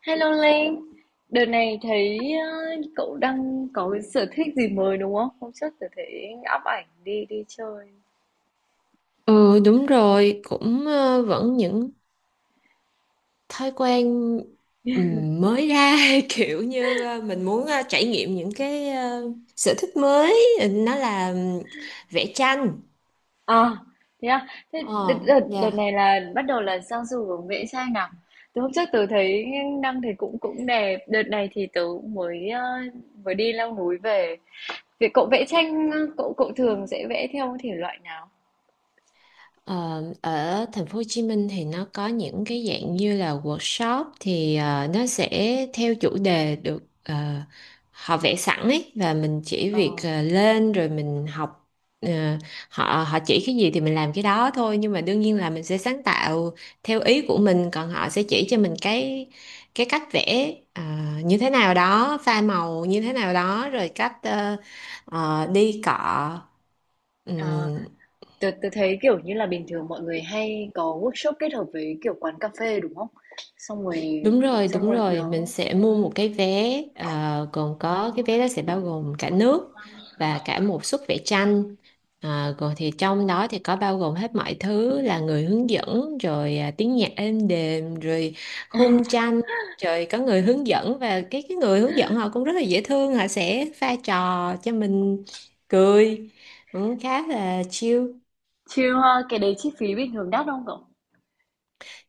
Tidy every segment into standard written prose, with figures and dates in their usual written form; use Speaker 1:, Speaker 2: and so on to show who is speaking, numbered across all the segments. Speaker 1: Hello Linh, đợt này thấy ờ, cậu đang có cái sở thích gì mới đúng không? Hôm trước tôi thấy up ảnh đi đi chơi.
Speaker 2: Ừ, đúng rồi, cũng vẫn những thói quen mới ra kiểu như mình muốn trải nghiệm những cái sở thích mới. Nó là vẽ tranh.
Speaker 1: À, thế à? Thế đợt,
Speaker 2: ờ
Speaker 1: đợt, đợt
Speaker 2: dạ.
Speaker 1: này là bắt đầu là sang du hướng vẽ tranh nào? Từ hôm trước tôi thấy đăng thì cũng cũng đẹp. Đợt này thì tớ cũng mới đi leo núi về. Vậy cậu vẽ tranh, cậu cậu thường sẽ vẽ theo thể loại nào?
Speaker 2: Ờ, ở thành phố Hồ Chí Minh thì nó có những cái dạng như là workshop, thì nó sẽ theo chủ đề, được họ vẽ sẵn ấy, và mình chỉ việc
Speaker 1: Ờ,
Speaker 2: lên rồi mình học. ờ, họ họ chỉ cái gì thì mình làm cái đó thôi, nhưng mà đương nhiên là mình sẽ sáng tạo theo ý của mình, còn họ sẽ chỉ cho mình cái cách vẽ như thế nào đó, pha màu như thế nào đó, rồi cách đi cọ. Ừ.
Speaker 1: à, tớ thấy kiểu như là bình thường mọi người hay có workshop kết hợp với kiểu quán cà phê đúng không? Xong rồi, xong
Speaker 2: Đúng
Speaker 1: rồi
Speaker 2: rồi,
Speaker 1: đó.
Speaker 2: mình sẽ mua một cái vé gồm có, cái vé đó sẽ bao gồm cả nước và cả một suất vẽ tranh. Ờ, còn thì trong đó thì có bao gồm hết mọi thứ, là người hướng dẫn rồi à, tiếng nhạc êm đềm, rồi khung tranh, rồi có người hướng dẫn, và cái người hướng dẫn họ cũng rất là dễ thương, họ sẽ pha trò cho mình cười, cũng khá là chill.
Speaker 1: Chill ha, cái đấy chi phí bình thường đắt không cậu?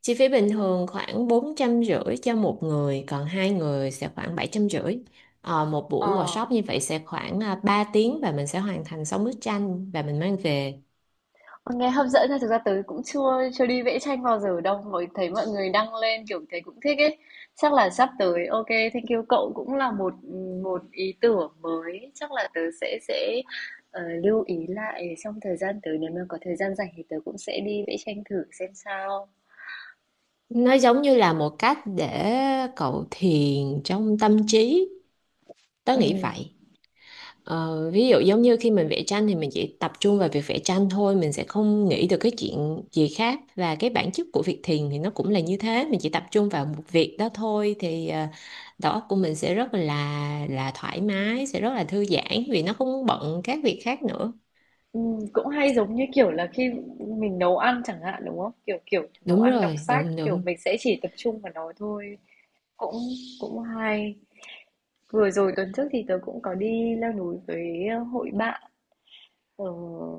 Speaker 2: Chi phí bình thường khoảng 450 cho một người, còn hai người sẽ khoảng 750. Ờ, một
Speaker 1: Ờ,
Speaker 2: buổi workshop như vậy sẽ khoảng 3 tiếng, và mình sẽ hoàn thành 6 bức tranh và mình mang về.
Speaker 1: nghe hấp dẫn nha, thực ra tớ cũng chưa chưa đi vẽ tranh bao giờ đâu. Mới thấy mọi người đăng lên kiểu thấy cũng thích ấy. Chắc là sắp tới, ok, thank you cậu cũng là một một ý tưởng mới. Chắc là tớ sẽ lưu ý lại trong thời gian tới nếu mà có thời gian rảnh thì tớ cũng sẽ đi vẽ tranh thử xem sao.
Speaker 2: Nó giống như là một cách để cậu thiền trong tâm trí, tớ
Speaker 1: Ừ.
Speaker 2: nghĩ vậy. Ờ, ví dụ giống như khi mình vẽ tranh thì mình chỉ tập trung vào việc vẽ tranh thôi, mình sẽ không nghĩ được cái chuyện gì khác, và cái bản chất của việc thiền thì nó cũng là như thế, mình chỉ tập trung vào một việc đó thôi, thì đầu óc của mình sẽ rất là thoải mái, sẽ rất là thư giãn vì nó không bận các việc khác nữa.
Speaker 1: Cũng hay giống như, kiểu là, khi mình nấu ăn chẳng hạn, đúng không? Kiểu, kiểu, nấu
Speaker 2: Đúng
Speaker 1: ăn, đọc
Speaker 2: rồi,
Speaker 1: sách,
Speaker 2: đúng
Speaker 1: kiểu,
Speaker 2: đúng
Speaker 1: mình sẽ chỉ tập trung vào nó thôi, cũng cũng hay. Vừa rồi tuần trước thì tớ cũng có đi leo núi với, hội bạn ở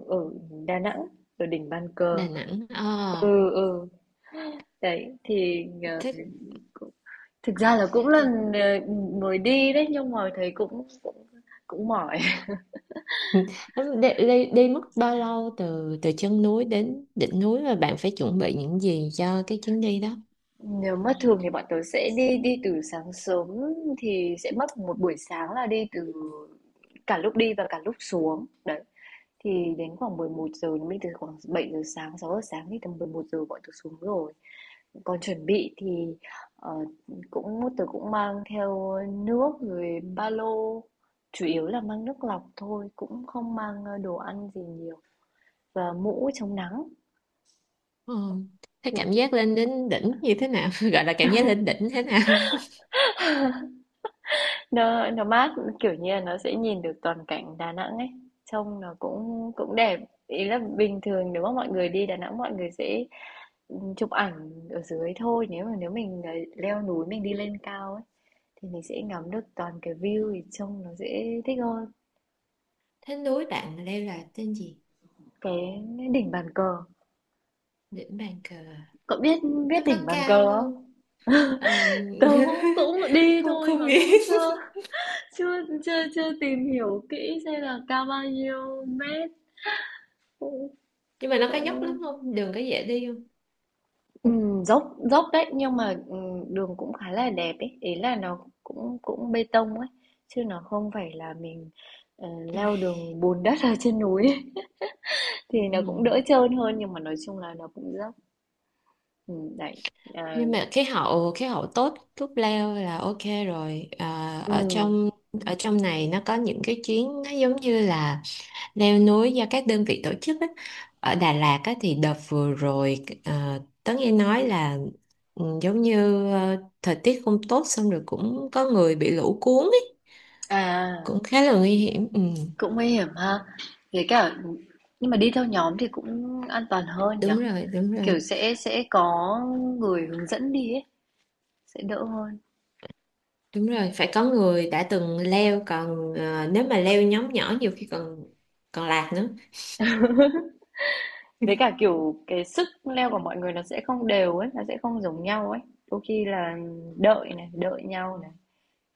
Speaker 1: ở Đà Nẵng, ở đỉnh Bàn Cờ.
Speaker 2: Đà Nẵng à?
Speaker 1: Ừ, ừ, đấy, thì
Speaker 2: Thích.
Speaker 1: cũng thực ra là cũng lần, ờ, mới đi đấy, nhưng mà thấy cũng cũng cũng mỏi.
Speaker 2: Đi mất bao lâu từ từ chân núi đến đỉnh núi, và bạn phải chuẩn bị những gì cho cái chuyến đi đó?
Speaker 1: Nếu mà thường thì bọn tớ sẽ đi đi từ sáng sớm thì sẽ mất một buổi sáng là đi từ cả lúc đi và cả lúc xuống. Đấy. Thì đến khoảng 11 giờ mình từ khoảng 7 giờ sáng, 6 giờ sáng thì tầm 11 giờ bọn tớ xuống rồi. Còn chuẩn bị thì ờ, cũng tớ cũng mang theo nước rồi ba lô, chủ yếu là mang nước lọc thôi, cũng không mang đồ ăn gì nhiều và mũ chống nắng
Speaker 2: Ờ. Thế cảm
Speaker 1: kiểu.
Speaker 2: giác lên đến đỉnh như thế nào? Gọi là cảm giác lên đỉnh thế nào?
Speaker 1: Nó mát, kiểu như là, nó sẽ nhìn được toàn cảnh Đà Nẵng ấy, trông nó cũng cũng đẹp. Ý là bình thường nếu mà mọi người đi Đà Nẵng mọi người sẽ chụp ảnh ở dưới thôi, nếu mà nếu mình leo núi mình đi lên cao ấy, thì mình sẽ ngắm được toàn cái view thì trông nó sẽ thích hơn.
Speaker 2: Thế núi bạn leo là tên gì?
Speaker 1: Cái đỉnh bàn cờ,
Speaker 2: Đỉnh bàn cờ à?
Speaker 1: cậu biết biết
Speaker 2: Nó có
Speaker 1: đỉnh bàn cờ
Speaker 2: cao không?
Speaker 1: không?
Speaker 2: Ờ.
Speaker 1: Tớ cũng cũng đi
Speaker 2: Không
Speaker 1: thôi
Speaker 2: không
Speaker 1: mà cũng
Speaker 2: biết.
Speaker 1: chưa chưa chưa chưa tìm hiểu kỹ xem là cao bao nhiêu mét, cũng
Speaker 2: Nhưng mà nó có dốc lắm
Speaker 1: cũng
Speaker 2: không? Đường có dễ đi không?
Speaker 1: ừm, dốc dốc đấy nhưng mà đường cũng khá là đẹp ấy, ý là nó cũng cũng bê tông ấy chứ nó không phải là mình ờ, leo đường bùn đất ở trên núi ấy. Thì nó cũng
Speaker 2: Ừ.
Speaker 1: đỡ trơn hơn nhưng mà nói chung là nó cũng dốc. Đấy, à,
Speaker 2: Nhưng mà khí hậu tốt lúc leo là ok rồi. À,
Speaker 1: ừm.
Speaker 2: ở trong này nó có những cái chuyến nó giống như là leo núi do các đơn vị tổ chức á. Ở Đà Lạt á, thì đợt vừa rồi tớ nghe nói là ừ, giống như thời tiết không tốt, xong rồi cũng có người bị lũ cuốn ấy,
Speaker 1: À,
Speaker 2: cũng khá là nguy hiểm, ừ.
Speaker 1: cũng nguy hiểm ha, với cả nhưng mà đi theo nhóm thì cũng an toàn hơn nhở,
Speaker 2: Đúng rồi, đúng rồi.
Speaker 1: kiểu sẽ có người hướng dẫn đi ấy sẽ đỡ hơn.
Speaker 2: Đúng rồi, phải có người đã từng leo, còn nếu mà leo nhóm nhỏ nhiều khi còn còn lạc nữa.
Speaker 1: Với cả, kiểu, cái sức leo của mọi người nó sẽ không đều ấy, nó sẽ không giống nhau ấy. Đôi khi là đợi này, đợi nhau này,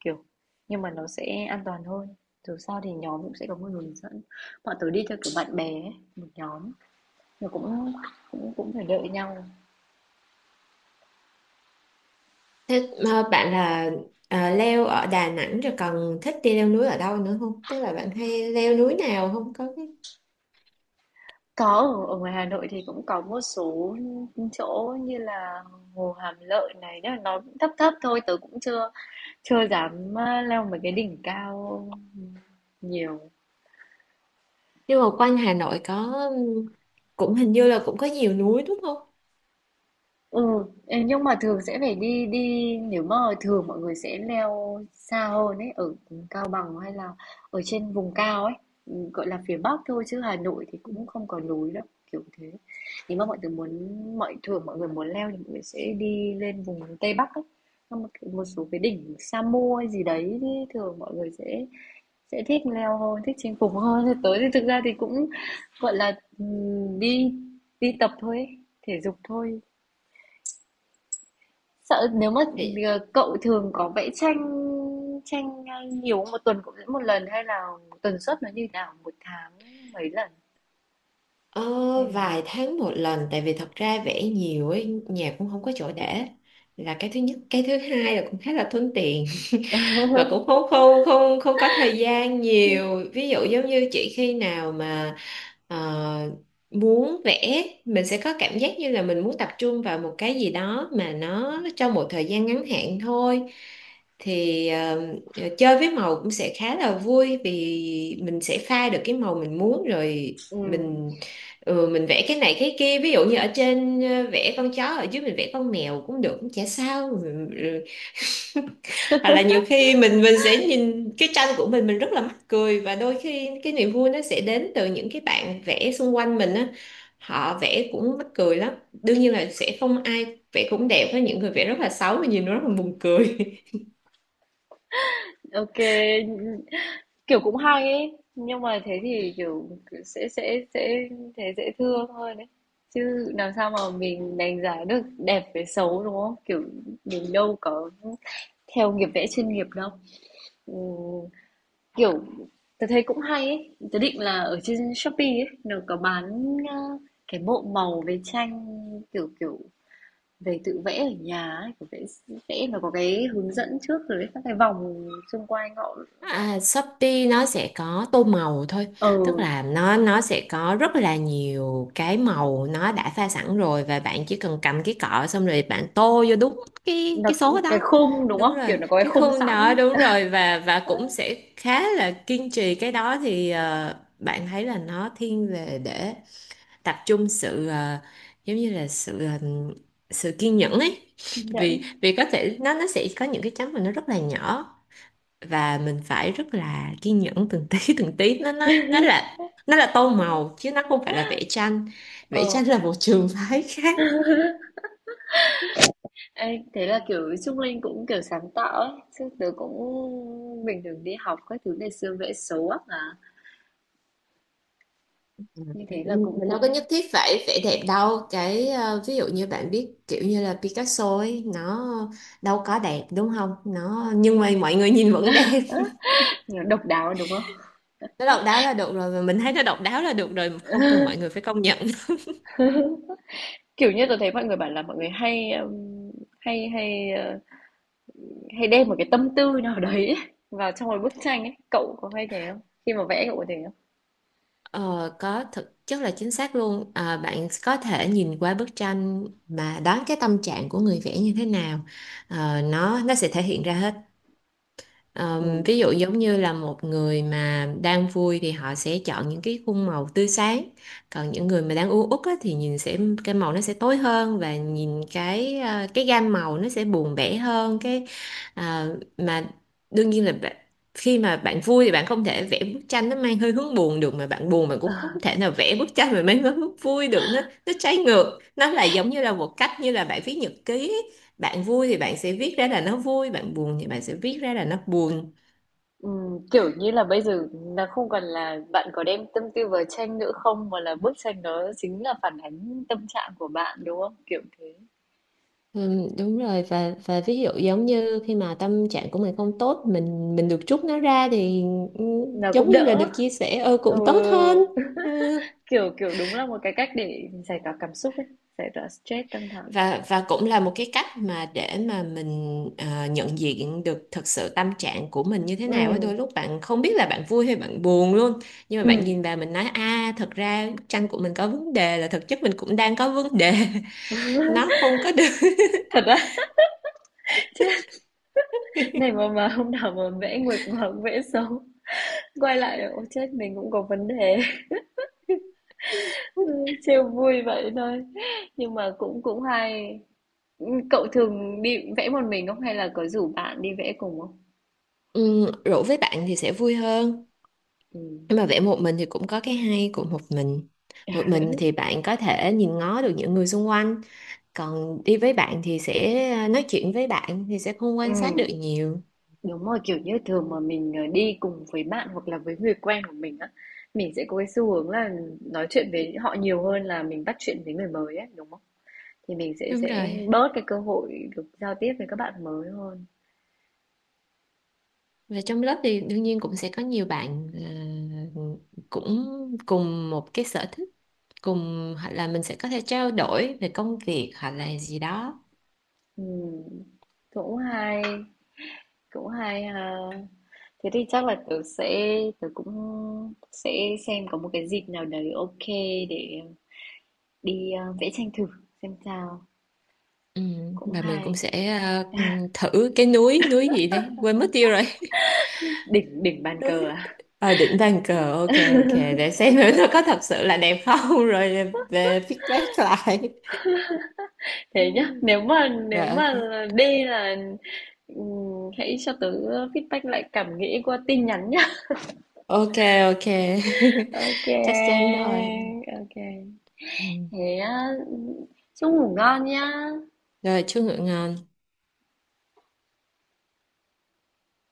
Speaker 1: kiểu, nhưng mà nó sẽ an toàn hơn. Dù sao thì nhóm cũng sẽ có một người hướng dẫn. Bọn tớ đi theo kiểu bạn bè ấy, một nhóm, nó cũng cũng cũng phải đợi nhau.
Speaker 2: Thế mà bạn là leo ở Đà Nẵng rồi, còn thích đi leo núi ở đâu nữa không, tức là bạn hay leo núi nào không có?
Speaker 1: Có, ở, ở ngoài Hà Nội thì cũng có một số chỗ như là Hồ Hàm Lợi này, nhưng mà nó cũng thấp thấp thôi, tớ cũng chưa chưa dám leo mấy cái đỉnh cao nhiều.
Speaker 2: Nhưng mà quanh Hà Nội có, cũng hình như là cũng có nhiều núi đúng không?
Speaker 1: Ừ, ê, nhưng mà thường sẽ phải đi đi nếu mà thường mọi người sẽ leo xa hơn ấy, ở Cao Bằng hay là ở trên vùng cao ấy, ừ, gọi là phía Bắc thôi chứ Hà Nội thì
Speaker 2: Ừ.
Speaker 1: cũng không có núi đâu, kiểu thế. Nếu mà mọi người muốn, thường mọi người muốn leo thì mọi người sẽ đi lên vùng Tây Bắc ấy. Xong một số cái đỉnh Sa Mô hay gì đấy thì thường mọi người sẽ thích leo hơn, thích chinh phục hơn. Thế tới thì thực ra thì cũng gọi là ừ, đi đi tập thôi ấy, thể dục thôi. Sợ nếu mà,
Speaker 2: Thì
Speaker 1: cậu thường có vẽ tranh tranh, ờ, nhiều không? Một tuần cũng vẽ một lần hay là tần suất nó như thế nào? Một tháng mấy lần
Speaker 2: ờ,
Speaker 1: hay là
Speaker 2: vài tháng một lần, tại vì thật ra vẽ nhiều ấy, nhà cũng không có chỗ để, là cái thứ nhất. Cái thứ hai là cũng khá là thuận tiện và cũng không không không không có thời gian nhiều. Ví dụ giống như chị, khi nào mà ờ, muốn vẽ, mình sẽ có cảm giác như là mình muốn tập trung vào một cái gì đó mà nó trong một thời gian ngắn hạn thôi, thì chơi với màu cũng sẽ khá là vui, vì mình sẽ pha được cái màu mình muốn rồi.
Speaker 1: ừm,
Speaker 2: mình ừ, mình vẽ cái này cái kia, ví dụ như ở trên vẽ con chó, ở dưới mình vẽ con mèo cũng được, cũng chả sao. Hoặc là nhiều khi mình sẽ nhìn cái tranh của mình rất là mắc cười, và đôi khi cái niềm vui nó sẽ đến từ những cái bạn vẽ xung quanh mình á, họ vẽ cũng mắc cười lắm. Đương nhiên là sẽ không ai vẽ cũng đẹp, với những người vẽ rất là xấu và nhìn nó rất là buồn cười.
Speaker 1: ô, kiểu, cũng hay ấy, nhưng mà thế thì, kiểu, sẽ thế dễ thương hơn đấy. Chứ làm sao mà mình đánh giá được đẹp với xấu, đúng không? Kiểu, mình đâu có theo nghiệp vẽ chuyên nghiệp đâu. Ừm. Kiểu, tớ thấy cũng hay ấy, tớ định là ở trên Shopee ấy, nó có bán, a, cái bộ màu với tranh, kiểu, kiểu, về tự vẽ ở nhà ấy, kiểu vẽ vẽ nó có cái hướng dẫn trước rồi các cái vòng xung quanh họ họ
Speaker 2: À, Shopee nó sẽ có tô màu thôi,
Speaker 1: ờ,
Speaker 2: tức là nó sẽ có rất là nhiều cái màu, nó đã pha sẵn rồi, và bạn chỉ cần cầm cái cọ, xong rồi bạn tô vô đúng cái
Speaker 1: nó
Speaker 2: cái số
Speaker 1: cái
Speaker 2: đó.
Speaker 1: khung, đúng
Speaker 2: Đúng
Speaker 1: không?
Speaker 2: rồi,
Speaker 1: Kiểu, nó có cái
Speaker 2: cái
Speaker 1: khung
Speaker 2: khung
Speaker 1: sẵn,
Speaker 2: đó, đúng rồi. Và cũng sẽ khá là kiên trì cái đó thì bạn thấy là nó thiên về để tập trung sự giống như là sự sự kiên nhẫn ấy.
Speaker 1: kiên
Speaker 2: vì
Speaker 1: nhẫn.
Speaker 2: vì có thể nó sẽ có những cái chấm mà nó rất là nhỏ, và mình phải rất là kiên nhẫn từng tí từng tí. Nó là, nó là tô màu chứ nó không phải là vẽ tranh. Vẽ tranh
Speaker 1: Ờ,
Speaker 2: là một trường phái khác.
Speaker 1: ê, thế là, kiểu, Trung Linh cũng, kiểu, sáng tạo ấy, chứ tớ cũng bình thường đi học các thứ ngày xưa vẽ xấu ác mà, như thế là cũng
Speaker 2: Mình đâu có
Speaker 1: cũng,
Speaker 2: nhất thiết phải vẽ đẹp đâu, cái ví dụ như bạn biết kiểu như là Picasso ấy, nó đâu có đẹp đúng không, nó, nhưng mà mọi người nhìn vẫn đẹp.
Speaker 1: ờ, độc đáo, đúng không?
Speaker 2: Nó độc đáo là được rồi, và mình thấy nó độc đáo là được rồi, không cần mọi người phải công nhận.
Speaker 1: Kiểu như tôi thấy mọi người bảo là mọi người hay, hay hay, ờ, hay đem một cái tâm tư nào đấy ấy vào trong một bức tranh ấy, cậu có hay thế không? Khi mà vẽ cậu có thế không?
Speaker 2: Ờ, có, thực chất là chính xác luôn, à, bạn có thể nhìn qua bức tranh mà đoán cái tâm trạng của người vẽ như thế nào. Ờ, nó sẽ thể hiện ra hết.
Speaker 1: Ừm.
Speaker 2: Ví dụ giống như là một người mà đang vui thì họ sẽ chọn những cái khung màu tươi sáng, còn những người mà đang u uất á, thì nhìn sẽ, cái màu nó sẽ tối hơn, và nhìn cái à, cái gam màu nó sẽ buồn bã hơn. Cái à, mà Đương nhiên là khi mà bạn vui thì bạn không thể vẽ bức tranh nó mang hơi hướng buồn được, mà bạn buồn bạn cũng không thể nào vẽ bức tranh mà mang hướng vui được. Nó trái ngược. Nó là giống như là một cách như là bạn viết nhật ký, bạn vui thì bạn sẽ viết ra là nó vui, bạn buồn thì bạn sẽ viết ra là nó buồn.
Speaker 1: Kiểu như là bây giờ nó không còn là bạn có đem tâm tư vào tranh nữa không mà là bức tranh đó chính là phản ánh tâm trạng của bạn đúng không? Kiểu thế.
Speaker 2: Ừ, đúng rồi. Và ví dụ giống như khi mà tâm trạng của mình không tốt, mình được trút nó ra thì ừ,
Speaker 1: Nó
Speaker 2: giống
Speaker 1: cũng
Speaker 2: như là được
Speaker 1: đỡ.
Speaker 2: chia sẻ, ừ,
Speaker 1: Ừ,
Speaker 2: cũng tốt hơn, ừ.
Speaker 1: kiểu kiểu đúng là một cái cách để giải tỏa cảm xúc ấy, giải tỏa stress căng thẳng.
Speaker 2: Và cũng là một cái cách mà để mà mình nhận diện được thực sự tâm trạng của mình như thế
Speaker 1: Ừ,
Speaker 2: nào á, đôi lúc bạn không biết là bạn vui hay bạn buồn luôn, nhưng mà
Speaker 1: ừ.
Speaker 2: bạn nhìn vào mình nói a, thật ra bức tranh của mình có vấn đề, là thực chất mình cũng đang có vấn đề. Nó không có được.
Speaker 1: Thật á? Chứ này mà hôm nào mà vẽ nguệch mà vẽ xấu, quay lại ô chết, mình cũng có vấn đề." Ư, trêu vui vậy thôi, nhưng mà cũng cũng hay. Cậu thường đi vẽ một mình không hay là có rủ bạn đi vẽ cùng không?
Speaker 2: Ừ, rủ với bạn thì sẽ vui hơn,
Speaker 1: Ừm.
Speaker 2: nhưng mà vẽ một mình thì cũng có cái hay của một mình. Một mình thì bạn có thể nhìn ngó được những người xung quanh, còn đi với bạn thì sẽ à, nói chuyện với bạn thì sẽ không quan sát
Speaker 1: Ừm,
Speaker 2: được nhiều.
Speaker 1: đúng rồi, kiểu như, thường mà mình đi cùng với bạn hoặc là với người quen của mình á, mình sẽ có cái xu hướng là nói chuyện với họ nhiều hơn là mình bắt chuyện với người mới ấy, đúng không? Thì mình sẽ
Speaker 2: Đúng
Speaker 1: sẽ
Speaker 2: rồi,
Speaker 1: bớt cái cơ hội được giao tiếp với các bạn mới hơn.
Speaker 2: và trong lớp thì đương nhiên cũng sẽ có nhiều bạn ờ, cũng cùng một cái sở thích cùng, hoặc là mình sẽ có thể trao đổi về công việc hoặc là gì đó.
Speaker 1: Ừm, cũng hay, cũng hay ha, thế thì chắc là tớ cũng sẽ xem có một cái dịp nào đấy, ok, để đi vẽ tranh thử xem sao,
Speaker 2: Ừ,
Speaker 1: cũng
Speaker 2: và mình cũng
Speaker 1: hay.
Speaker 2: sẽ thử cái núi núi gì đấy, quên mất tiêu rồi.
Speaker 1: đỉnh đỉnh bàn cờ
Speaker 2: Núi
Speaker 1: à,
Speaker 2: đỉnh Bàn Cờ, ok. Ok, để xem thử nó có thật sự là đẹp không rồi về feedback lại. Ừ,
Speaker 1: thế nhá,
Speaker 2: rồi
Speaker 1: nếu
Speaker 2: ok.
Speaker 1: mà đi là hãy cho tớ feedback lại cảm nghĩ qua tin nhắn nhá.
Speaker 2: Ok, ok.
Speaker 1: Ok,
Speaker 2: Chắc chắn rồi.
Speaker 1: ok,
Speaker 2: Ừ,
Speaker 1: thế á, chúc ngủ ngon nhá.
Speaker 2: rồi chúc ngựa ngon.